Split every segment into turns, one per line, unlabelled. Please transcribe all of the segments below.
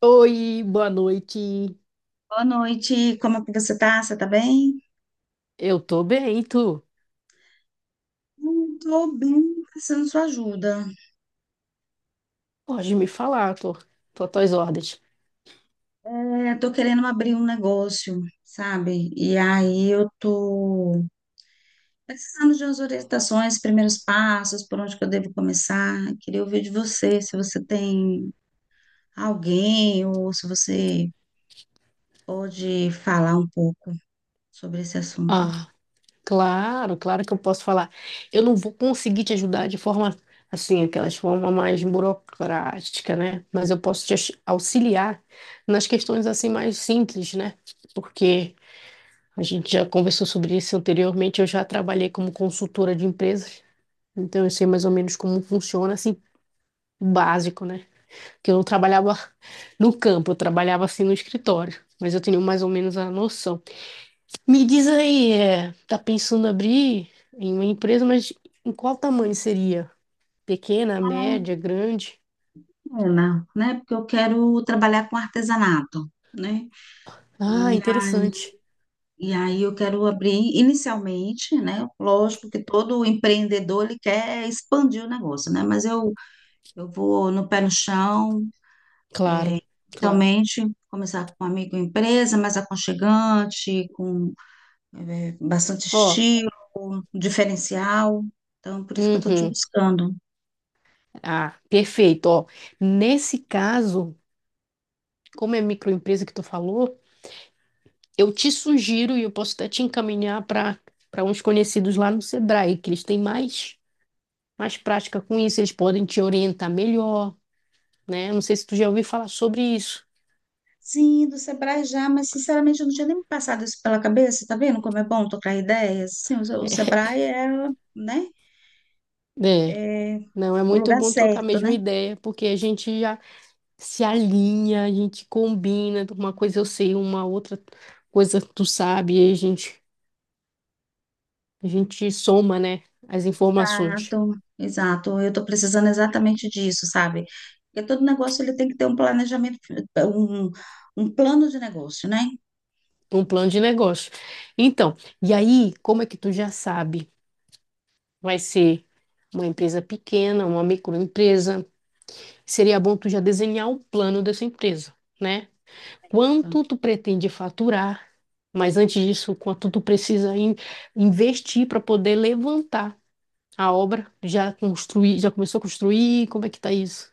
Oi, boa noite.
Boa noite, como é que você tá? Você tá bem?
Eu tô bem, tu?
Tô bem, precisando de sua ajuda.
Pode me falar, tô às tuas ordens.
É, tô querendo abrir um negócio, sabe? E aí eu tô precisando de umas orientações, primeiros passos, por onde que eu devo começar. Queria ouvir de você, se você tem alguém ou se você pode falar um pouco sobre esse assunto.
Ah, claro que eu posso falar. Eu não vou conseguir te ajudar de forma assim, aquelas forma mais burocrática, né? Mas eu posso te auxiliar nas questões assim mais simples, né? Porque a gente já conversou sobre isso anteriormente, eu já trabalhei como consultora de empresas, então eu sei mais ou menos como funciona assim, o básico, né? Que eu não trabalhava no campo, eu trabalhava assim no escritório, mas eu tenho mais ou menos a noção. Me diz aí, tá pensando abrir em uma empresa, mas em qual tamanho seria? Pequena,
Ah,
média, grande?
é, né? Porque eu quero trabalhar com artesanato, né?
Ah, interessante.
E aí eu quero abrir inicialmente, né? Lógico que todo empreendedor ele quer expandir o negócio, né? Mas eu vou no pé no chão,
Claro, claro.
realmente começar com uma microempresa mais aconchegante, com bastante
Ó,
estilo, diferencial. Então, por isso que eu estou te
uhum.
buscando.
Ah, perfeito. Ó, nesse caso, como é microempresa que tu falou, eu te sugiro e eu posso até te encaminhar para uns conhecidos lá no Sebrae, que eles têm mais prática com isso, eles podem te orientar melhor, né? Não sei se tu já ouviu falar sobre isso.
Sim, do Sebrae já, mas sinceramente eu não tinha nem me passado isso pela cabeça, tá vendo como é bom trocar ideias? Sim, o Sebrae é, né?
É,
É
não, é
o
muito
lugar
bom trocar a
certo,
mesma
né?
ideia, porque a gente já se alinha, a gente combina, uma coisa eu sei, uma outra coisa tu sabe, e a gente soma, né, as informações,
Exato, exato. Eu estou precisando exatamente disso, sabe? Porque todo negócio ele tem que ter um planejamento, um, um plano de negócio, né?
um plano de negócio. Então, e aí, como é que tu já sabe? Vai ser uma empresa pequena, uma microempresa, seria bom tu já desenhar o plano dessa empresa, né?
Então,
Quanto tu pretende faturar, mas antes disso, quanto tu precisa investir para poder levantar a obra? Já construir, já começou a construir? Como é que tá isso?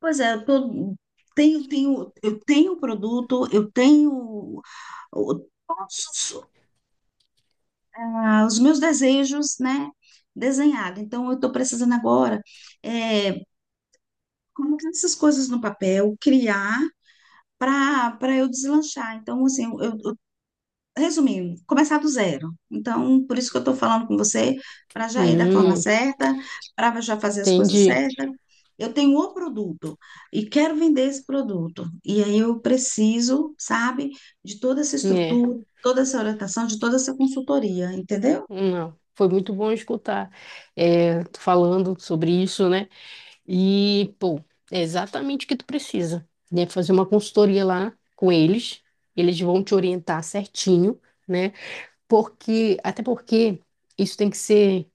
pois é, tenho, eu tenho o produto, eu tenho todos os, os meus desejos, né? Desenhado. Então, eu estou precisando agora é, colocar essas coisas no papel, criar para eu deslanchar. Então, assim, eu, resumindo, começar do zero. Então, por isso que eu estou falando com você, para já ir da forma
Hum,
certa, para já fazer as coisas
entendi.
certas. Eu tenho o produto e quero vender esse produto. E aí eu preciso, sabe, de toda essa
É,
estrutura, toda essa orientação, de toda essa consultoria, entendeu?
não. Foi muito bom escutar tu falando sobre isso, né? E, pô, é exatamente o que tu precisa, né? Fazer uma consultoria lá com eles, eles vão te orientar certinho, né? Porque, até porque isso tem que ser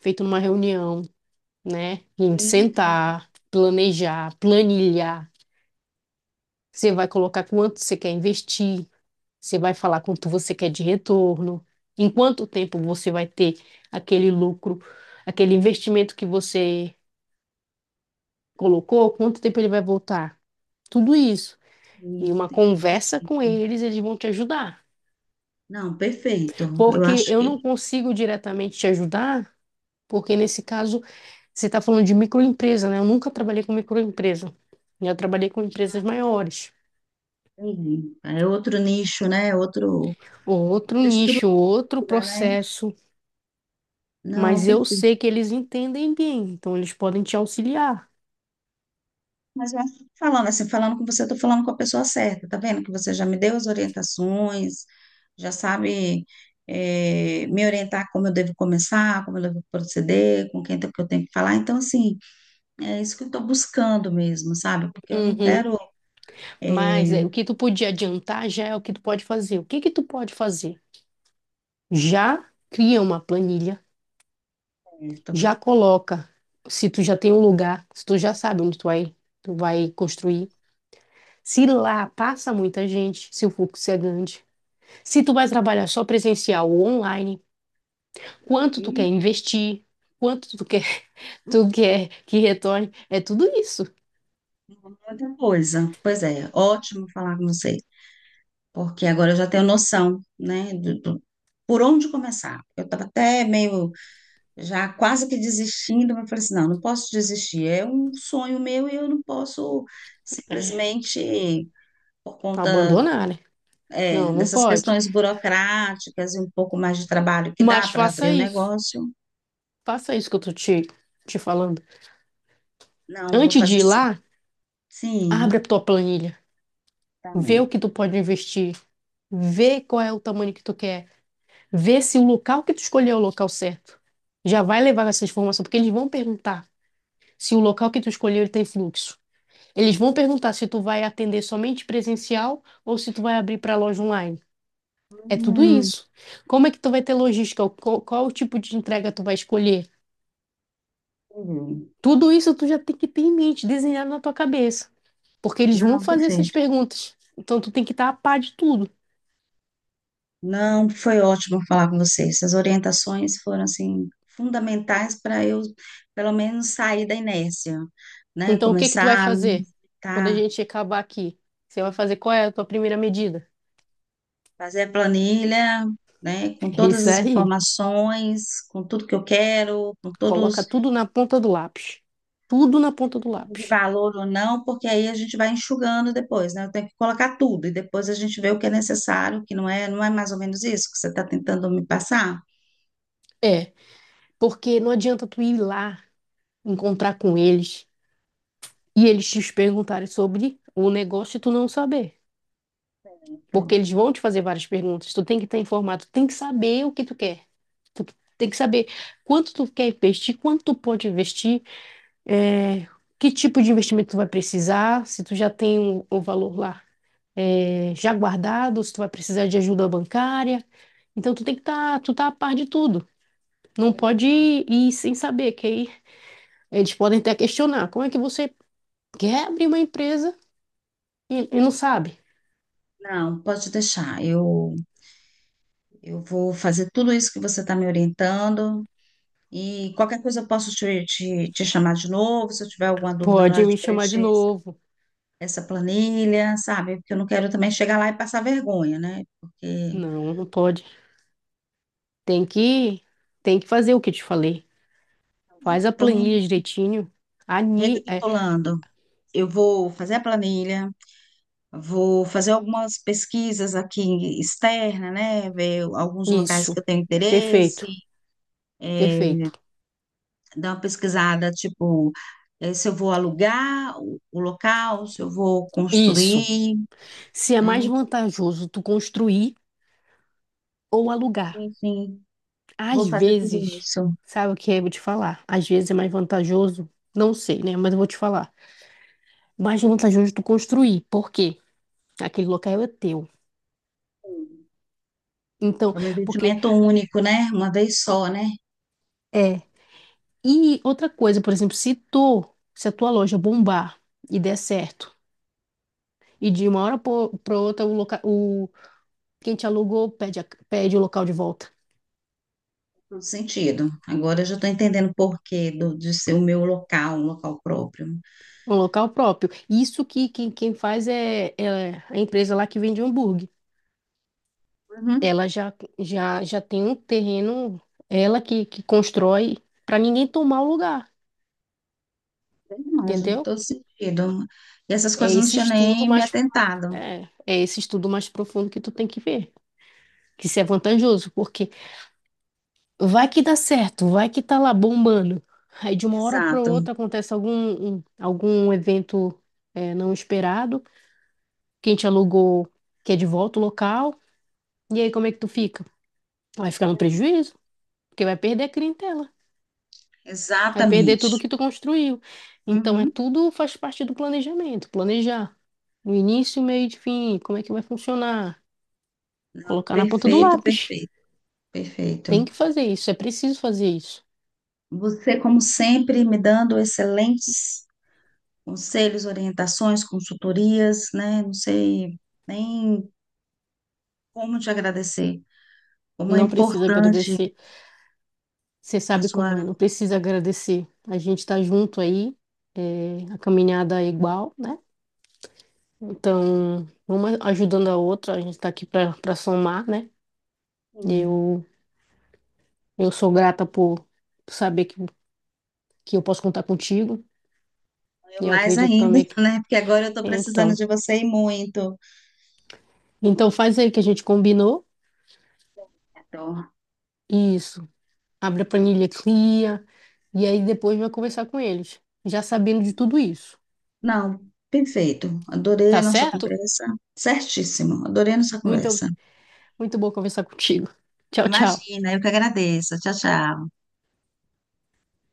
feito numa reunião, né? A gente
Sim, entendi,
sentar, planejar, planilhar. Você vai colocar quanto você quer investir, você vai falar quanto você quer de retorno, em quanto tempo você vai ter aquele lucro, aquele investimento que você colocou, quanto tempo ele vai voltar. Tudo isso. E uma
entendi,
conversa com
perfeito.
eles, eles vão te ajudar.
Não, perfeito. Eu
Porque
acho
eu
que
não consigo diretamente te ajudar. Porque nesse caso, você está falando de microempresa, né? Eu nunca trabalhei com microempresa. Eu trabalhei com empresas maiores.
entendi. É outro nicho, né? É outro,
Outro
outra
nicho,
estrutura,
outro
né?
processo.
Não,
Mas eu
perfeito.
sei que eles entendem bem, então eles podem te auxiliar.
Mas eu acho que falando assim, falando com você, eu tô falando com a pessoa certa, tá vendo? Que você já me deu as orientações, já sabe, me orientar como eu devo começar, como eu devo proceder, com quem que eu tenho que falar. Então, assim, é isso que eu estou buscando mesmo, sabe? Porque eu não
Uhum.
quero,
Mas
eh,
é, o que tu podia adiantar já é o que tu pode fazer. O que que tu pode fazer? Já cria uma planilha,
então,
já coloca. Se tu já tem um lugar, se tu já sabe onde tu vai construir. Se lá passa muita gente, se o fluxo é grande, se tu vai trabalhar só presencial ou online, quanto tu quer investir, quanto tu quer, tu quer que retorne, é tudo isso.
muita coisa. Pois é, ótimo falar com você, porque agora eu já tenho noção, né, por onde começar. Eu estava até meio já quase que desistindo, mas eu falei assim, não, não posso desistir, é um sonho meu e eu não posso
É,
simplesmente, por conta,
abandonar, né?
é,
Não, não
dessas
pode.
questões burocráticas e um pouco mais de trabalho que dá
Mas
para
faça
abrir o
isso.
negócio,
Faça isso que eu tô te falando.
não, vou
Antes de
fazer
ir
sim.
lá, abre a
Sim,
tua planilha.
tá
Vê
bom.
o que tu pode investir. Vê qual é o tamanho que tu quer. Vê se o local que tu escolheu é o local certo. Já vai levar essa informação, porque eles vão perguntar se o local que tu escolheu ele tem fluxo. Eles vão perguntar se tu vai atender somente presencial ou se tu vai abrir para loja online. É tudo
Hum,
isso. Como é que tu vai ter logística? Qual o tipo de entrega tu vai escolher?
entendi.
Tudo isso tu já tem que ter em mente, desenhado na tua cabeça, porque eles vão
Não,
fazer essas
perfeito.
perguntas. Então tu tem que estar a par de tudo.
Não, foi ótimo falar com você. Essas orientações foram, assim, fundamentais para eu, pelo menos, sair da inércia, né?
Então o que que tu vai
Começar a me
fazer quando a
tá
gente acabar aqui? Você vai fazer qual é a tua primeira medida?
fazer a planilha, né, com
É
todas
isso
as
aí.
informações, com tudo que eu quero, com
Coloca
todos
tudo na ponta do lápis. Tudo na ponta do
os de
lápis.
valor ou não, porque aí a gente vai enxugando depois, né? Eu tenho que colocar tudo e depois a gente vê o que é necessário, o que não é, não é mais ou menos isso que você está tentando me passar?
É, porque não adianta tu ir lá encontrar com eles e eles te perguntarem sobre o negócio e tu não saber. Porque
Então,
eles vão te fazer várias perguntas, tu tem que estar informado, tu tem que saber o que tu quer. Tu tem que saber quanto tu quer investir, quanto tu pode investir, é, que tipo de investimento tu vai precisar, se tu já tem o valor lá já guardado, se tu vai precisar de ajuda bancária. Então tu tem que estar, tu tá a par de tudo. Não pode ir sem saber, que aí eles podem até questionar. Como é que você quer abrir uma empresa e não sabe.
não, pode deixar. Eu vou fazer tudo isso que você está me orientando e qualquer coisa eu posso te, te chamar de novo, se eu tiver alguma dúvida na
Pode
hora
me
de
chamar de
preencher.
novo.
Essa planilha, sabe? Porque eu não quero também chegar lá e passar vergonha, né? Porque,
Não, não pode. Tem que, tem que fazer o que eu te falei. Faz a
então,
planilha direitinho. Ani, é,
recapitulando, eu vou fazer a planilha, vou fazer algumas pesquisas aqui externa, né? Ver alguns locais que
isso.
eu tenho interesse,
Perfeito,
é,
perfeito.
dar uma pesquisada, tipo, se eu vou alugar o local, se eu vou
Isso.
construir,
Se é mais
né?
vantajoso tu construir ou alugar.
Enfim,
Às
vou fazer tudo
vezes,
isso.
sabe o que eu vou te falar? Às vezes é mais vantajoso, não sei, né? Mas eu vou te falar. Mais vantajoso tu construir. Por quê? Aquele local é teu. Então,
É um
porque
investimento único, né? Uma vez só, né?
é, e outra coisa, por exemplo, se a tua loja bombar e der certo, e de uma hora para outra o quem te alugou pede o local de volta,
Todo sentido. Agora eu já estou entendendo o porquê do, de ser o meu local, um local próprio.
um local próprio. Isso que quem faz é a empresa lá que vende hambúrguer.
Uhum,
Ela já tem um terreno, ela que constrói para ninguém tomar o lugar,
bem imagem,
entendeu?
todo sentido. E essas
É
coisas eu não
esse
tinha nem me atentado.
é esse estudo mais profundo que tu tem que ver, que isso é vantajoso, porque vai que dá certo, vai que tá lá bombando. Aí de uma hora para
Exato,
outra acontece algum evento não esperado, quem te alugou quer de volta o local, e aí como é que tu fica? Vai ficar no prejuízo, porque vai perder a clientela, vai perder tudo
exatamente.
que tu construiu. Então é
Uhum.
tudo faz parte do planejamento, planejar o início, o meio e o fim, como é que vai funcionar,
Não,
colocar na ponta do
perfeito,
lápis.
perfeito, perfeito.
Tem que fazer isso, é preciso fazer isso.
Você, como sempre, me dando excelentes conselhos, orientações, consultorias, né? Não sei nem como te agradecer. Como é
Não precisa
importante
agradecer. Você
a
sabe
sua.
como é, não precisa agradecer. A gente está junto aí, é, a caminhada é igual, né? Então, uma ajudando a outra, a gente está aqui para somar, né?
Sim.
Eu, eu sou grata por saber que eu posso contar contigo,
Eu
e eu
mais
acredito
ainda,
também que.
né? Porque agora eu estou precisando
Então,
de você e muito.
então faz aí o que a gente combinou,
Então,
isso. Abre a planilha, cria, e aí depois vai conversar com eles, já sabendo de tudo isso,
não, perfeito. Adorei
tá
a nossa
certo?
conversa. Certíssimo, adorei a nossa
Muito,
conversa.
muito bom conversar contigo. Tchau, tchau.
Imagina, eu que agradeço. Tchau, tchau.